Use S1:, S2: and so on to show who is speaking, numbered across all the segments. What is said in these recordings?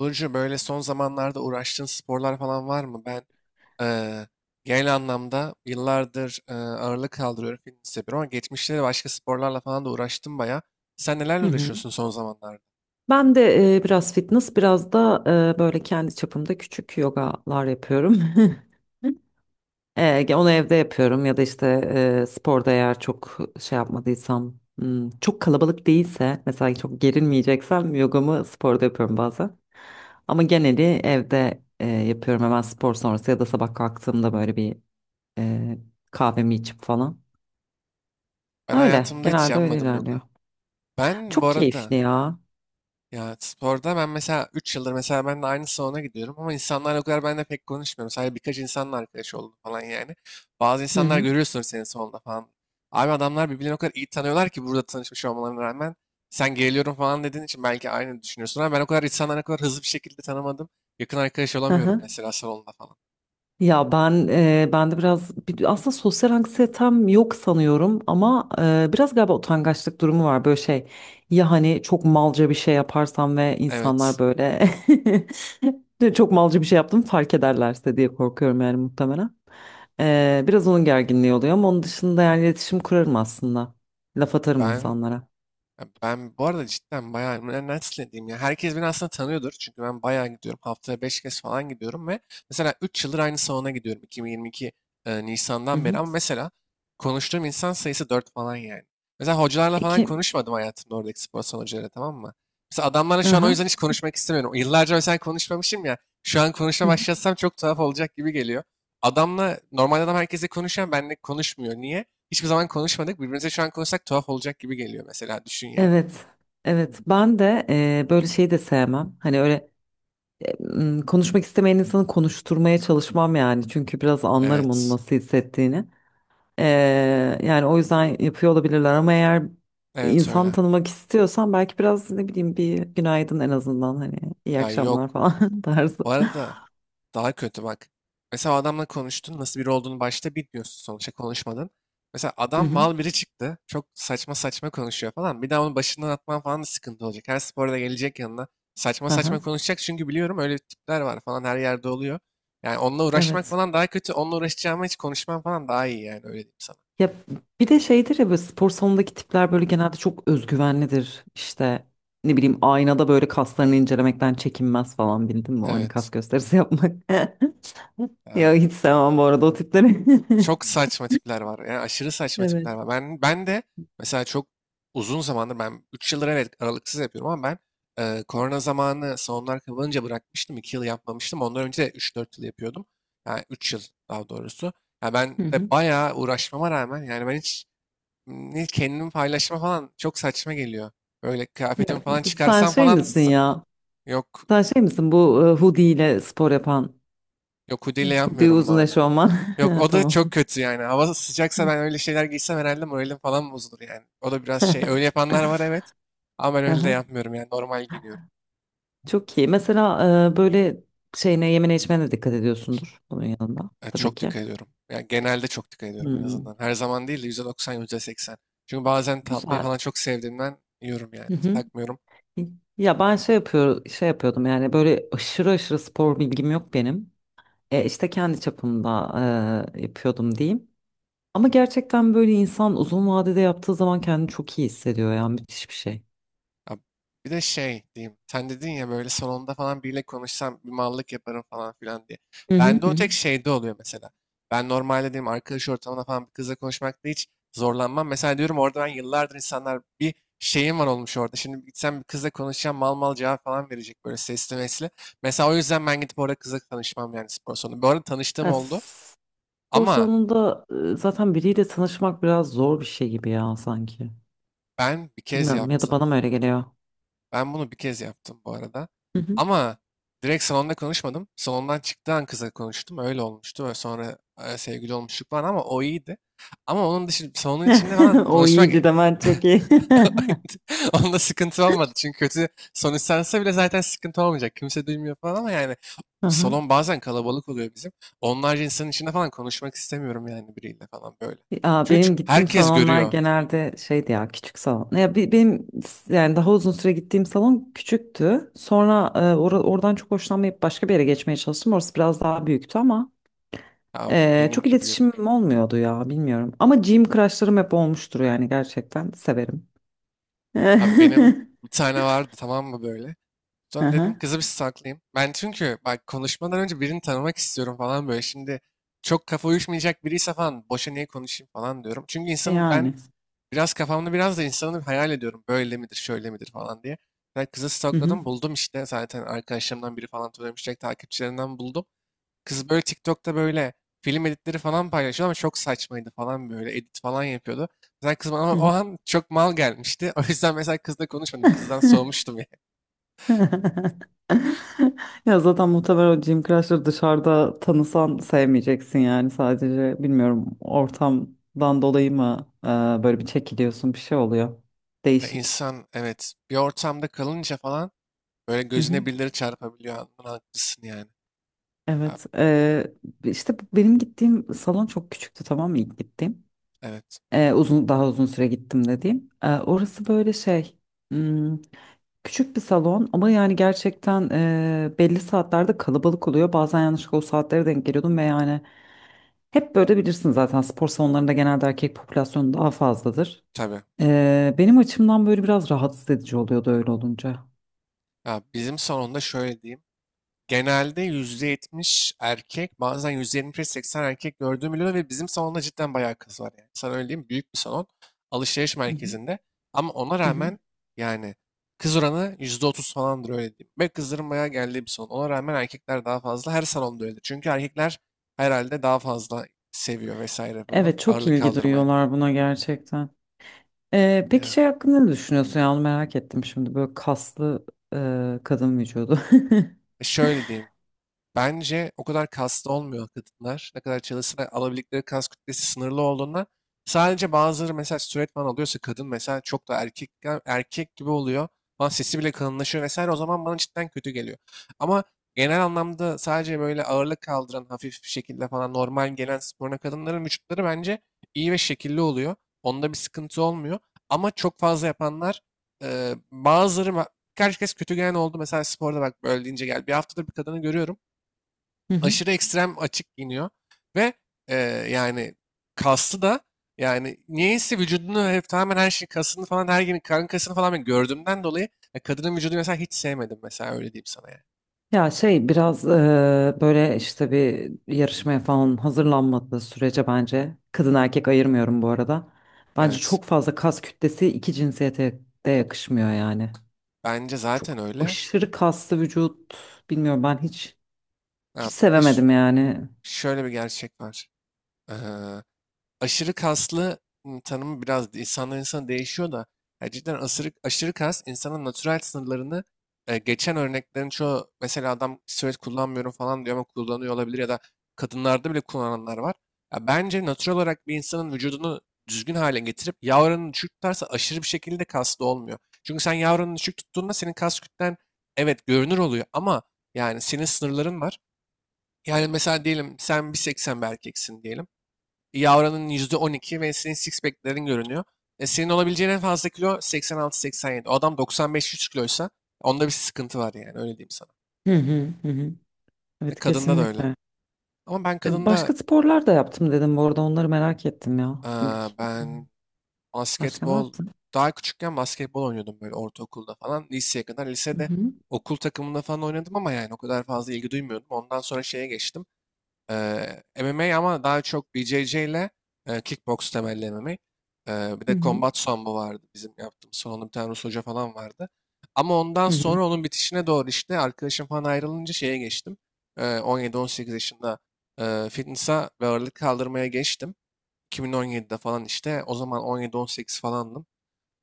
S1: Burcu böyle son zamanlarda uğraştığın sporlar falan var mı? Ben eee, genel anlamda yıllardır ağırlık kaldırıyorum, fitness yapıyorum ama geçmişte de başka sporlarla falan da uğraştım baya. Sen nelerle
S2: Hı hı.
S1: uğraşıyorsun son zamanlarda?
S2: Ben de biraz fitness, biraz da böyle kendi çapımda küçük yogalar yapıyorum. Onu evde yapıyorum ya da işte sporda eğer çok şey yapmadıysam çok kalabalık değilse mesela çok gerilmeyeceksem yogamı sporda yapıyorum bazen. Ama geneli evde yapıyorum hemen spor sonrası ya da sabah kalktığımda böyle bir e, kahvemi içip falan.
S1: Ben
S2: Öyle
S1: hayatımda hiç
S2: genelde öyle
S1: yapmadım
S2: ilerliyor.
S1: yoga. Ben bu
S2: Çok keyifli
S1: arada
S2: ya.
S1: Ya, sporda ben mesela 3 yıldır mesela ben de aynı salona gidiyorum ama insanlarla o kadar ben de pek konuşmuyorum. Sadece birkaç insanla arkadaş oldum falan yani. Bazı
S2: Hı
S1: insanlar
S2: hı.
S1: görüyorsun senin salonda falan. Abi adamlar birbirlerini o kadar iyi tanıyorlar ki burada tanışmış olmalarına rağmen. Sen geliyorum falan dediğin için belki aynı düşünüyorsun ama ben o kadar insanları o kadar hızlı bir şekilde tanımadım. Yakın arkadaş
S2: Hı
S1: olamıyorum
S2: hı.
S1: mesela salonda falan.
S2: Ya ben de biraz aslında sosyal anksiyetem yok sanıyorum ama biraz galiba utangaçlık durumu var böyle şey, ya hani çok malca bir şey yaparsam ve
S1: Evet,
S2: insanlar böyle çok malca bir şey yaptım fark ederlerse diye korkuyorum yani muhtemelen. Biraz onun gerginliği oluyor ama onun dışında yani iletişim kurarım aslında, laf atarım
S1: ben
S2: insanlara.
S1: Ben bu arada cidden bayağı, ben nasıl diyeyim ya, herkes beni aslında tanıyordur çünkü ben bayağı gidiyorum, haftaya 5 kez falan gidiyorum ve mesela 3 yıldır aynı salona gidiyorum, 2022
S2: Hı
S1: Nisan'dan beri,
S2: hı.
S1: ama mesela konuştuğum insan sayısı 4 falan yani. Mesela hocalarla falan
S2: İki,
S1: konuşmadım hayatımda, oradaki spor salonu hocalarıyla, tamam mı? Mesela adamlarla şu an o
S2: aha.
S1: yüzden hiç konuşmak istemiyorum. Yıllarca mesela konuşmamışım ya, şu an konuşmaya
S2: Hı hı.
S1: başlasam çok tuhaf olacak gibi geliyor. Adamla normal adam, herkese konuşan, benle konuşmuyor. Niye? Hiçbir zaman konuşmadık. Birbirimize şu an konuşsak tuhaf olacak gibi geliyor mesela. Düşün yani.
S2: Evet. Evet ben de böyle şeyi de sevmem. Hani öyle konuşmak istemeyen insanı konuşturmaya çalışmam yani. Çünkü biraz anlarım onun
S1: Evet.
S2: nasıl hissettiğini. Yani o yüzden yapıyor olabilirler ama eğer
S1: Evet,
S2: insan
S1: öyle.
S2: tanımak istiyorsan belki biraz ne bileyim bir günaydın en azından, hani iyi
S1: Ya,
S2: akşamlar
S1: yok.
S2: falan tarzı.
S1: Bu arada daha kötü bak. Mesela o adamla konuştun, nasıl biri olduğunu başta bilmiyorsun, sonuçta konuşmadın. Mesela
S2: Hı
S1: adam
S2: hı.
S1: mal biri çıktı. Çok saçma saçma konuşuyor falan. Bir daha onu başından atman falan da sıkıntı olacak. Her sporda gelecek yanına. Saçma
S2: Aha,
S1: saçma konuşacak çünkü biliyorum öyle tipler var falan, her yerde oluyor. Yani onunla uğraşmak
S2: evet.
S1: falan daha kötü. Onunla uğraşacağıma hiç konuşmam falan daha iyi yani, öyle diyeyim sana.
S2: Ya bir de şeydir ya, böyle spor salonundaki tipler böyle genelde çok özgüvenlidir. İşte ne bileyim aynada böyle kaslarını incelemekten çekinmez falan, bildin mi? O hani
S1: Evet.
S2: kas gösterisi yapmak.
S1: Ha.
S2: Ya hiç sevmem bu arada o tipleri.
S1: Çok saçma tipler var. Yani aşırı saçma
S2: Evet.
S1: tipler var. Ben de mesela çok uzun zamandır, ben 3 yıldır evet aralıksız yapıyorum, ama ben korona zamanı salonlar kapanınca bırakmıştım. 2 yıl yapmamıştım. Ondan önce de 3-4 yıl yapıyordum. Yani 3 yıl, daha doğrusu. Ya ben
S2: Hı hı.
S1: de bayağı uğraşmama rağmen yani ben hiç ne kendimi paylaşma falan, çok saçma geliyor. Böyle
S2: Ya,
S1: kıyafetimi falan
S2: sen
S1: çıkarsam
S2: şey
S1: falan
S2: misin ya?
S1: yok
S2: Sen şey misin bu hoodie ile spor yapan?
S1: yok, hudiyle
S2: Hoodie
S1: yapmıyorum bu
S2: uzun
S1: arada.
S2: eşofman.
S1: Yok,
S2: Ha,
S1: o da
S2: tamam.
S1: çok kötü yani. Hava sıcaksa ben öyle şeyler giysem herhalde moralim falan bozulur yani. O da biraz şey. Öyle yapanlar var, evet. Ama ben öyle de
S2: Aha,
S1: yapmıyorum yani. Normal giyiniyorum.
S2: çok iyi. Mesela böyle şeyine yemene içmene de dikkat ediyorsundur bunun yanında
S1: Yani
S2: tabii
S1: çok
S2: ki.
S1: dikkat ediyorum. Yani genelde çok dikkat ediyorum en
S2: Hmm,
S1: azından. Her zaman değil de %90, %80. Çünkü bazen tatlıyı
S2: güzel.
S1: falan çok sevdiğimden yiyorum yani.
S2: Hı hı.
S1: Takmıyorum.
S2: Ya şey yapıyordum yani böyle aşırı aşırı spor bilgim yok benim. İşte kendi çapımda yapıyordum diyeyim. Ama gerçekten böyle insan uzun vadede yaptığı zaman kendini çok iyi hissediyor yani müthiş bir şey.
S1: Ya, bir de şey diyeyim. Sen dedin ya, böyle salonda falan biriyle konuşsam bir mallık yaparım falan filan diye.
S2: Hı hı
S1: Bende
S2: hı
S1: o
S2: hı.
S1: tek şeyde oluyor mesela. Ben normalde diyeyim arkadaş ortamına falan bir kızla konuşmakta hiç zorlanmam. Mesela diyorum, orada ben yıllardır insanlar bir şeyim var olmuş orada. Şimdi gitsem bir kızla konuşacağım, mal mal cevap falan verecek böyle sesli mesli. Mesela o yüzden ben gidip orada kızla tanışmam yani, spor salonu. Bu arada tanıştığım
S2: Ya
S1: oldu
S2: spor
S1: ama
S2: salonunda zaten biriyle tanışmak biraz zor bir şey gibi ya sanki.
S1: ben bir kez
S2: Bilmiyorum, ya da
S1: yaptım.
S2: bana mı öyle geliyor?
S1: Ben bunu bir kez yaptım bu arada.
S2: Hı hı.
S1: Ama direkt salonda konuşmadım. Salondan çıktığı an kıza konuştum. Öyle olmuştu. Ve sonra sevgili olmuştuk falan, ama o iyiydi. Ama onun dışında salonun içinde falan
S2: O
S1: konuşmak,
S2: iyiydi de ben çok iyi.
S1: onda sıkıntı olmadı. Çünkü kötü son istense bile zaten sıkıntı olmayacak. Kimse duymuyor falan ama yani
S2: Aha.
S1: salon bazen kalabalık oluyor bizim. Onlarca insanın içinde falan konuşmak istemiyorum yani, biriyle falan böyle.
S2: Ya
S1: Çünkü
S2: benim gittiğim
S1: herkes
S2: salonlar
S1: görüyor.
S2: genelde şeydi ya, küçük salon. Yani daha uzun süre gittiğim salon küçüktü. Sonra oradan çok hoşlanmayıp başka bir yere geçmeye çalıştım. Orası biraz daha büyüktü ama
S1: Ya,
S2: çok
S1: benimki büyük.
S2: iletişimim olmuyordu ya, bilmiyorum. Ama gym crushlarım hep olmuştur yani, gerçekten severim.
S1: Abi benim bir tane vardı, tamam mı, böyle? Sonra dedim
S2: Aha,
S1: kızı bir saklayayım. Ben çünkü bak, konuşmadan önce birini tanımak istiyorum falan böyle. Şimdi çok kafa uyuşmayacak biriyse falan, boşa niye konuşayım falan diyorum. Çünkü insanın ben
S2: yani.
S1: biraz kafamda, biraz da insanı bir hayal ediyorum. Böyle midir şöyle midir falan diye. Ben kızı
S2: Hı hı.
S1: stalkladım, buldum işte, zaten arkadaşlarımdan biri falan tanımışacak, takipçilerinden buldum. Kız böyle TikTok'ta böyle film editleri falan paylaşıyordu ama çok saçmaydı falan, böyle edit falan yapıyordu. Mesela kız bana
S2: Hı
S1: o
S2: hı.
S1: an çok mal gelmişti. O yüzden mesela kızla konuşmadım. Kızdan soğumuştum.
S2: Ya zaten muhtemelen o Jim Crash'ı dışarıda tanısan sevmeyeceksin yani, sadece bilmiyorum, ortamdan dolayı mı böyle bir çekiliyorsun, bir şey oluyor.
S1: Ya,
S2: Değişik.
S1: insan evet bir ortamda kalınca falan böyle
S2: Hı hı.
S1: gözüne birileri çarpabiliyor. Anladın, haklısın yani. Ha,
S2: Evet işte benim gittiğim salon çok küçüktü, tamam mı, ilk gittiğim.
S1: evet,
S2: E, uzun Daha uzun süre gittim dediğim. Orası böyle şey, hmm, küçük bir salon ama yani gerçekten belli saatlerde kalabalık oluyor. Bazen yanlışlıkla o saatlere denk geliyordum ve yani hep böyle bilirsin zaten, spor salonlarında genelde erkek popülasyonu daha fazladır.
S1: tabii.
S2: Benim açımdan böyle biraz rahatsız edici oluyordu öyle olunca.
S1: Ya bizim salonda şöyle diyeyim. Genelde %70 erkek, bazen 75 seksen erkek gördüğüm oluyor ve bizim salonda cidden bayağı kız var yani. Sana öyle diyeyim, büyük bir salon, alışveriş
S2: Hı hı,
S1: merkezinde. Ama ona
S2: hı hı.
S1: rağmen yani kız oranı %30 falandır, öyle diyeyim. Ve kızların bayağı geldiği bir salon. Ona rağmen erkekler daha fazla, her salonda öyle. Çünkü erkekler herhalde daha fazla seviyor vesaire bunu,
S2: Evet, çok
S1: ağırlık
S2: ilgi
S1: kaldırmayı.
S2: duyuyorlar buna gerçekten. Peki
S1: Ya,
S2: şey hakkında ne düşünüyorsun, ya onu merak ettim şimdi, böyle kaslı kadın vücudu.
S1: şöyle diyeyim, bence o kadar kaslı olmuyor kadınlar. Ne kadar çalışsa da alabildikleri kas kütlesi sınırlı olduğundan, sadece bazıları mesela steroid falan alıyorsa kadın mesela çok da erkek gibi oluyor. Falan sesi bile kalınlaşıyor vesaire, o zaman bana cidden kötü geliyor. Ama genel anlamda sadece böyle ağırlık kaldıran hafif bir şekilde falan normal gelen sporuna, kadınların vücutları bence iyi ve şekilli oluyor. Onda bir sıkıntı olmuyor. Ama çok fazla yapanlar, e, bazıları ma- birkaç kez kötü gelen oldu. Mesela sporda bak, böyle deyince gel. Bir haftadır bir kadını görüyorum,
S2: Hı hı.
S1: aşırı ekstrem açık giyiniyor ve e, yani kaslı da, yani niyeyse vücudunu hep tamamen, her şey, kasını falan, her gün karın kasını falan ben gördüğümden dolayı ya, kadının vücudunu mesela hiç sevmedim mesela, öyle diyeyim sana yani.
S2: Ya şey biraz böyle işte, bir yarışmaya falan hazırlanmadığı sürece bence kadın erkek ayırmıyorum bu arada. Bence
S1: Evet.
S2: çok fazla kas kütlesi iki cinsiyete de yakışmıyor yani.
S1: Bence
S2: Çok
S1: zaten öyle.
S2: aşırı kaslı vücut bilmiyorum, ben hiç
S1: Ha, bir de
S2: sevemedim yani.
S1: şöyle bir gerçek var. Ee, aşırı kaslı, tanımı biraz insandan insana değişiyor da, ya cidden aşırı, aşırı kas insanın natürel sınırlarını geçen örneklerin çoğu, mesela adam steroid kullanmıyorum falan diyor ama kullanıyor olabilir, ya da kadınlarda bile kullananlar var. Ya bence natürel olarak bir insanın vücudunu düzgün hale getirip yağ oranını düşük tutarsa aşırı bir şekilde kaslı olmuyor. Çünkü sen yağ oranını düşük tuttuğunda senin kas kütlen evet görünür oluyor ama yani senin sınırların var. Yani mesela diyelim sen 1.80 bir erkeksin diyelim. Yavra'nın %12 ve senin six pack'lerin görünüyor. E, senin olabileceğin en fazla kilo 86-87. O adam 95-100 kiloysa onda bir sıkıntı var yani, öyle diyeyim sana.
S2: Hı hı hı hı.
S1: E,
S2: Evet,
S1: kadında da öyle.
S2: kesinlikle.
S1: Ama ben
S2: E,
S1: kadında
S2: başka sporlar da yaptım dedim bu arada, onları merak ettim ya ilk.
S1: eee, ben
S2: Başka ne
S1: basketbol
S2: yaptın?
S1: daha küçükken basketbol oynuyordum, böyle ortaokulda falan. Liseye kadar,
S2: Hı
S1: lisede
S2: hı
S1: okul takımında falan oynadım ama yani o kadar fazla ilgi duymuyordum. Ondan sonra şeye geçtim. MMA, ama daha çok BJJ ile, kickbox temelli MMA. Bir
S2: hı
S1: de
S2: hı
S1: Combat Sambo vardı bizim yaptığımız. Sonra onun bir tane Rus hoca falan vardı. Ama ondan
S2: hı
S1: sonra onun bitişine doğru işte arkadaşım falan ayrılınca şeye geçtim. 17-18 yaşında fitness'a ve ağırlık kaldırmaya geçtim. 2017'de falan işte o zaman 17-18 falandım.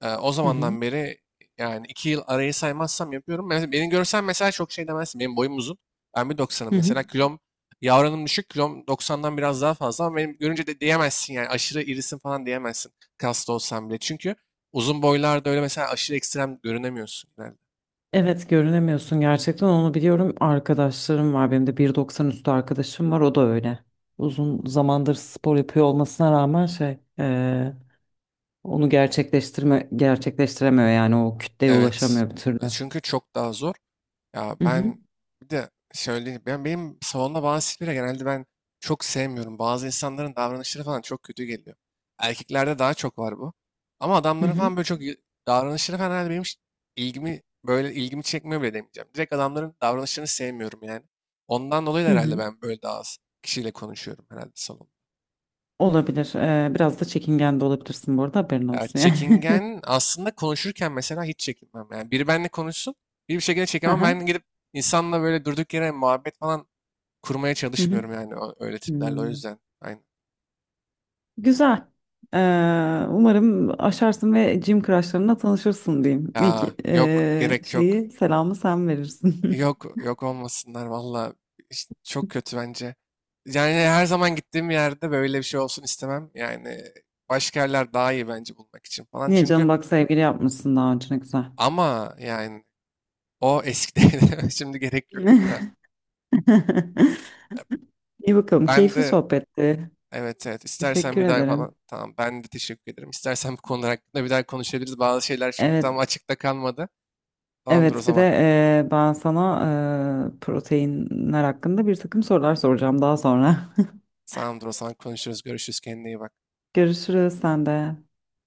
S1: O
S2: hı
S1: zamandan beri yani 2 yıl arayı saymazsam yapıyorum. Mesela beni görsen mesela çok şey demezsin. Benim boyum uzun. Ben 1.90'ım
S2: hı hı.
S1: mesela. Kilom yavranım düşük. Kilom 90'dan biraz daha fazla ama benim görünce de diyemezsin yani, aşırı irisin falan diyemezsin. Kaslı olsan bile. Çünkü uzun boylarda öyle mesela aşırı ekstrem görünemiyorsun genelde.
S2: Evet, görünemiyorsun gerçekten, onu biliyorum. Arkadaşlarım var, benim de 1.90 üstü arkadaşım var, o da öyle. Uzun zamandır spor yapıyor olmasına rağmen şey onu gerçekleştirme gerçekleştiremiyor yani, o kütleye
S1: Evet.
S2: ulaşamıyor bir türlü.
S1: Çünkü çok daha zor. Ya,
S2: Hı hı,
S1: ben bir de söyleyeyim. Benim salonda bazı tipleri genelde ben çok sevmiyorum. Bazı insanların davranışları falan çok kötü geliyor. Erkeklerde daha çok var bu. Ama
S2: hı
S1: adamların
S2: hı,
S1: falan böyle çok davranışları falan herhalde benim hiç, ilgimi çekmiyor bile demeyeceğim. Direkt adamların davranışlarını sevmiyorum yani. Ondan dolayı da
S2: hı
S1: herhalde
S2: hı,
S1: ben böyle daha az kişiyle konuşuyorum herhalde salonda.
S2: olabilir. Biraz da çekingen de olabilirsin bu arada, haberin
S1: Ya,
S2: olsun yani.
S1: çekingen aslında konuşurken mesela hiç çekinmem. Yani biri benimle konuşsun, biri bir şekilde çekemem.
S2: Aha,
S1: Ben gidip insanla böyle durduk yere muhabbet falan kurmaya
S2: hı hı.
S1: çalışmıyorum yani, öyle tiplerle o
S2: Hmm.
S1: yüzden. Aynen.
S2: Güzel. Ee, Umarım aşarsın ve Jim crushlarına tanışırsın diyeyim. İlk
S1: Ya, yok, gerek yok.
S2: şeyi selamı sen verirsin.
S1: Yok, yok, olmasınlar valla. Çok kötü bence. Yani her zaman gittiğim yerde böyle bir şey olsun istemem. Yani başka yerler daha iyi bence bulmak için falan.
S2: Niye
S1: Çünkü,
S2: canım, bak sevgili yapmışsın daha önce, ne güzel.
S1: ama yani o eskide, şimdi gerek yok bir daha.
S2: İyi bakalım,
S1: Ben
S2: keyifli
S1: de,
S2: sohbetti.
S1: evet, evet, istersen
S2: Teşekkür
S1: bir daha
S2: ederim.
S1: falan tamam, ben de teşekkür ederim. İstersen bu konular hakkında bir daha konuşabiliriz. Bazı şeyler çünkü
S2: Evet,
S1: tam açıkta kalmadı. Tamamdır o
S2: evet bir de
S1: zaman.
S2: ben sana proteinler hakkında bir takım sorular soracağım daha sonra.
S1: Tamamdır o zaman, konuşuruz. Görüşürüz. Kendine iyi bak.
S2: Görüşürüz sen de.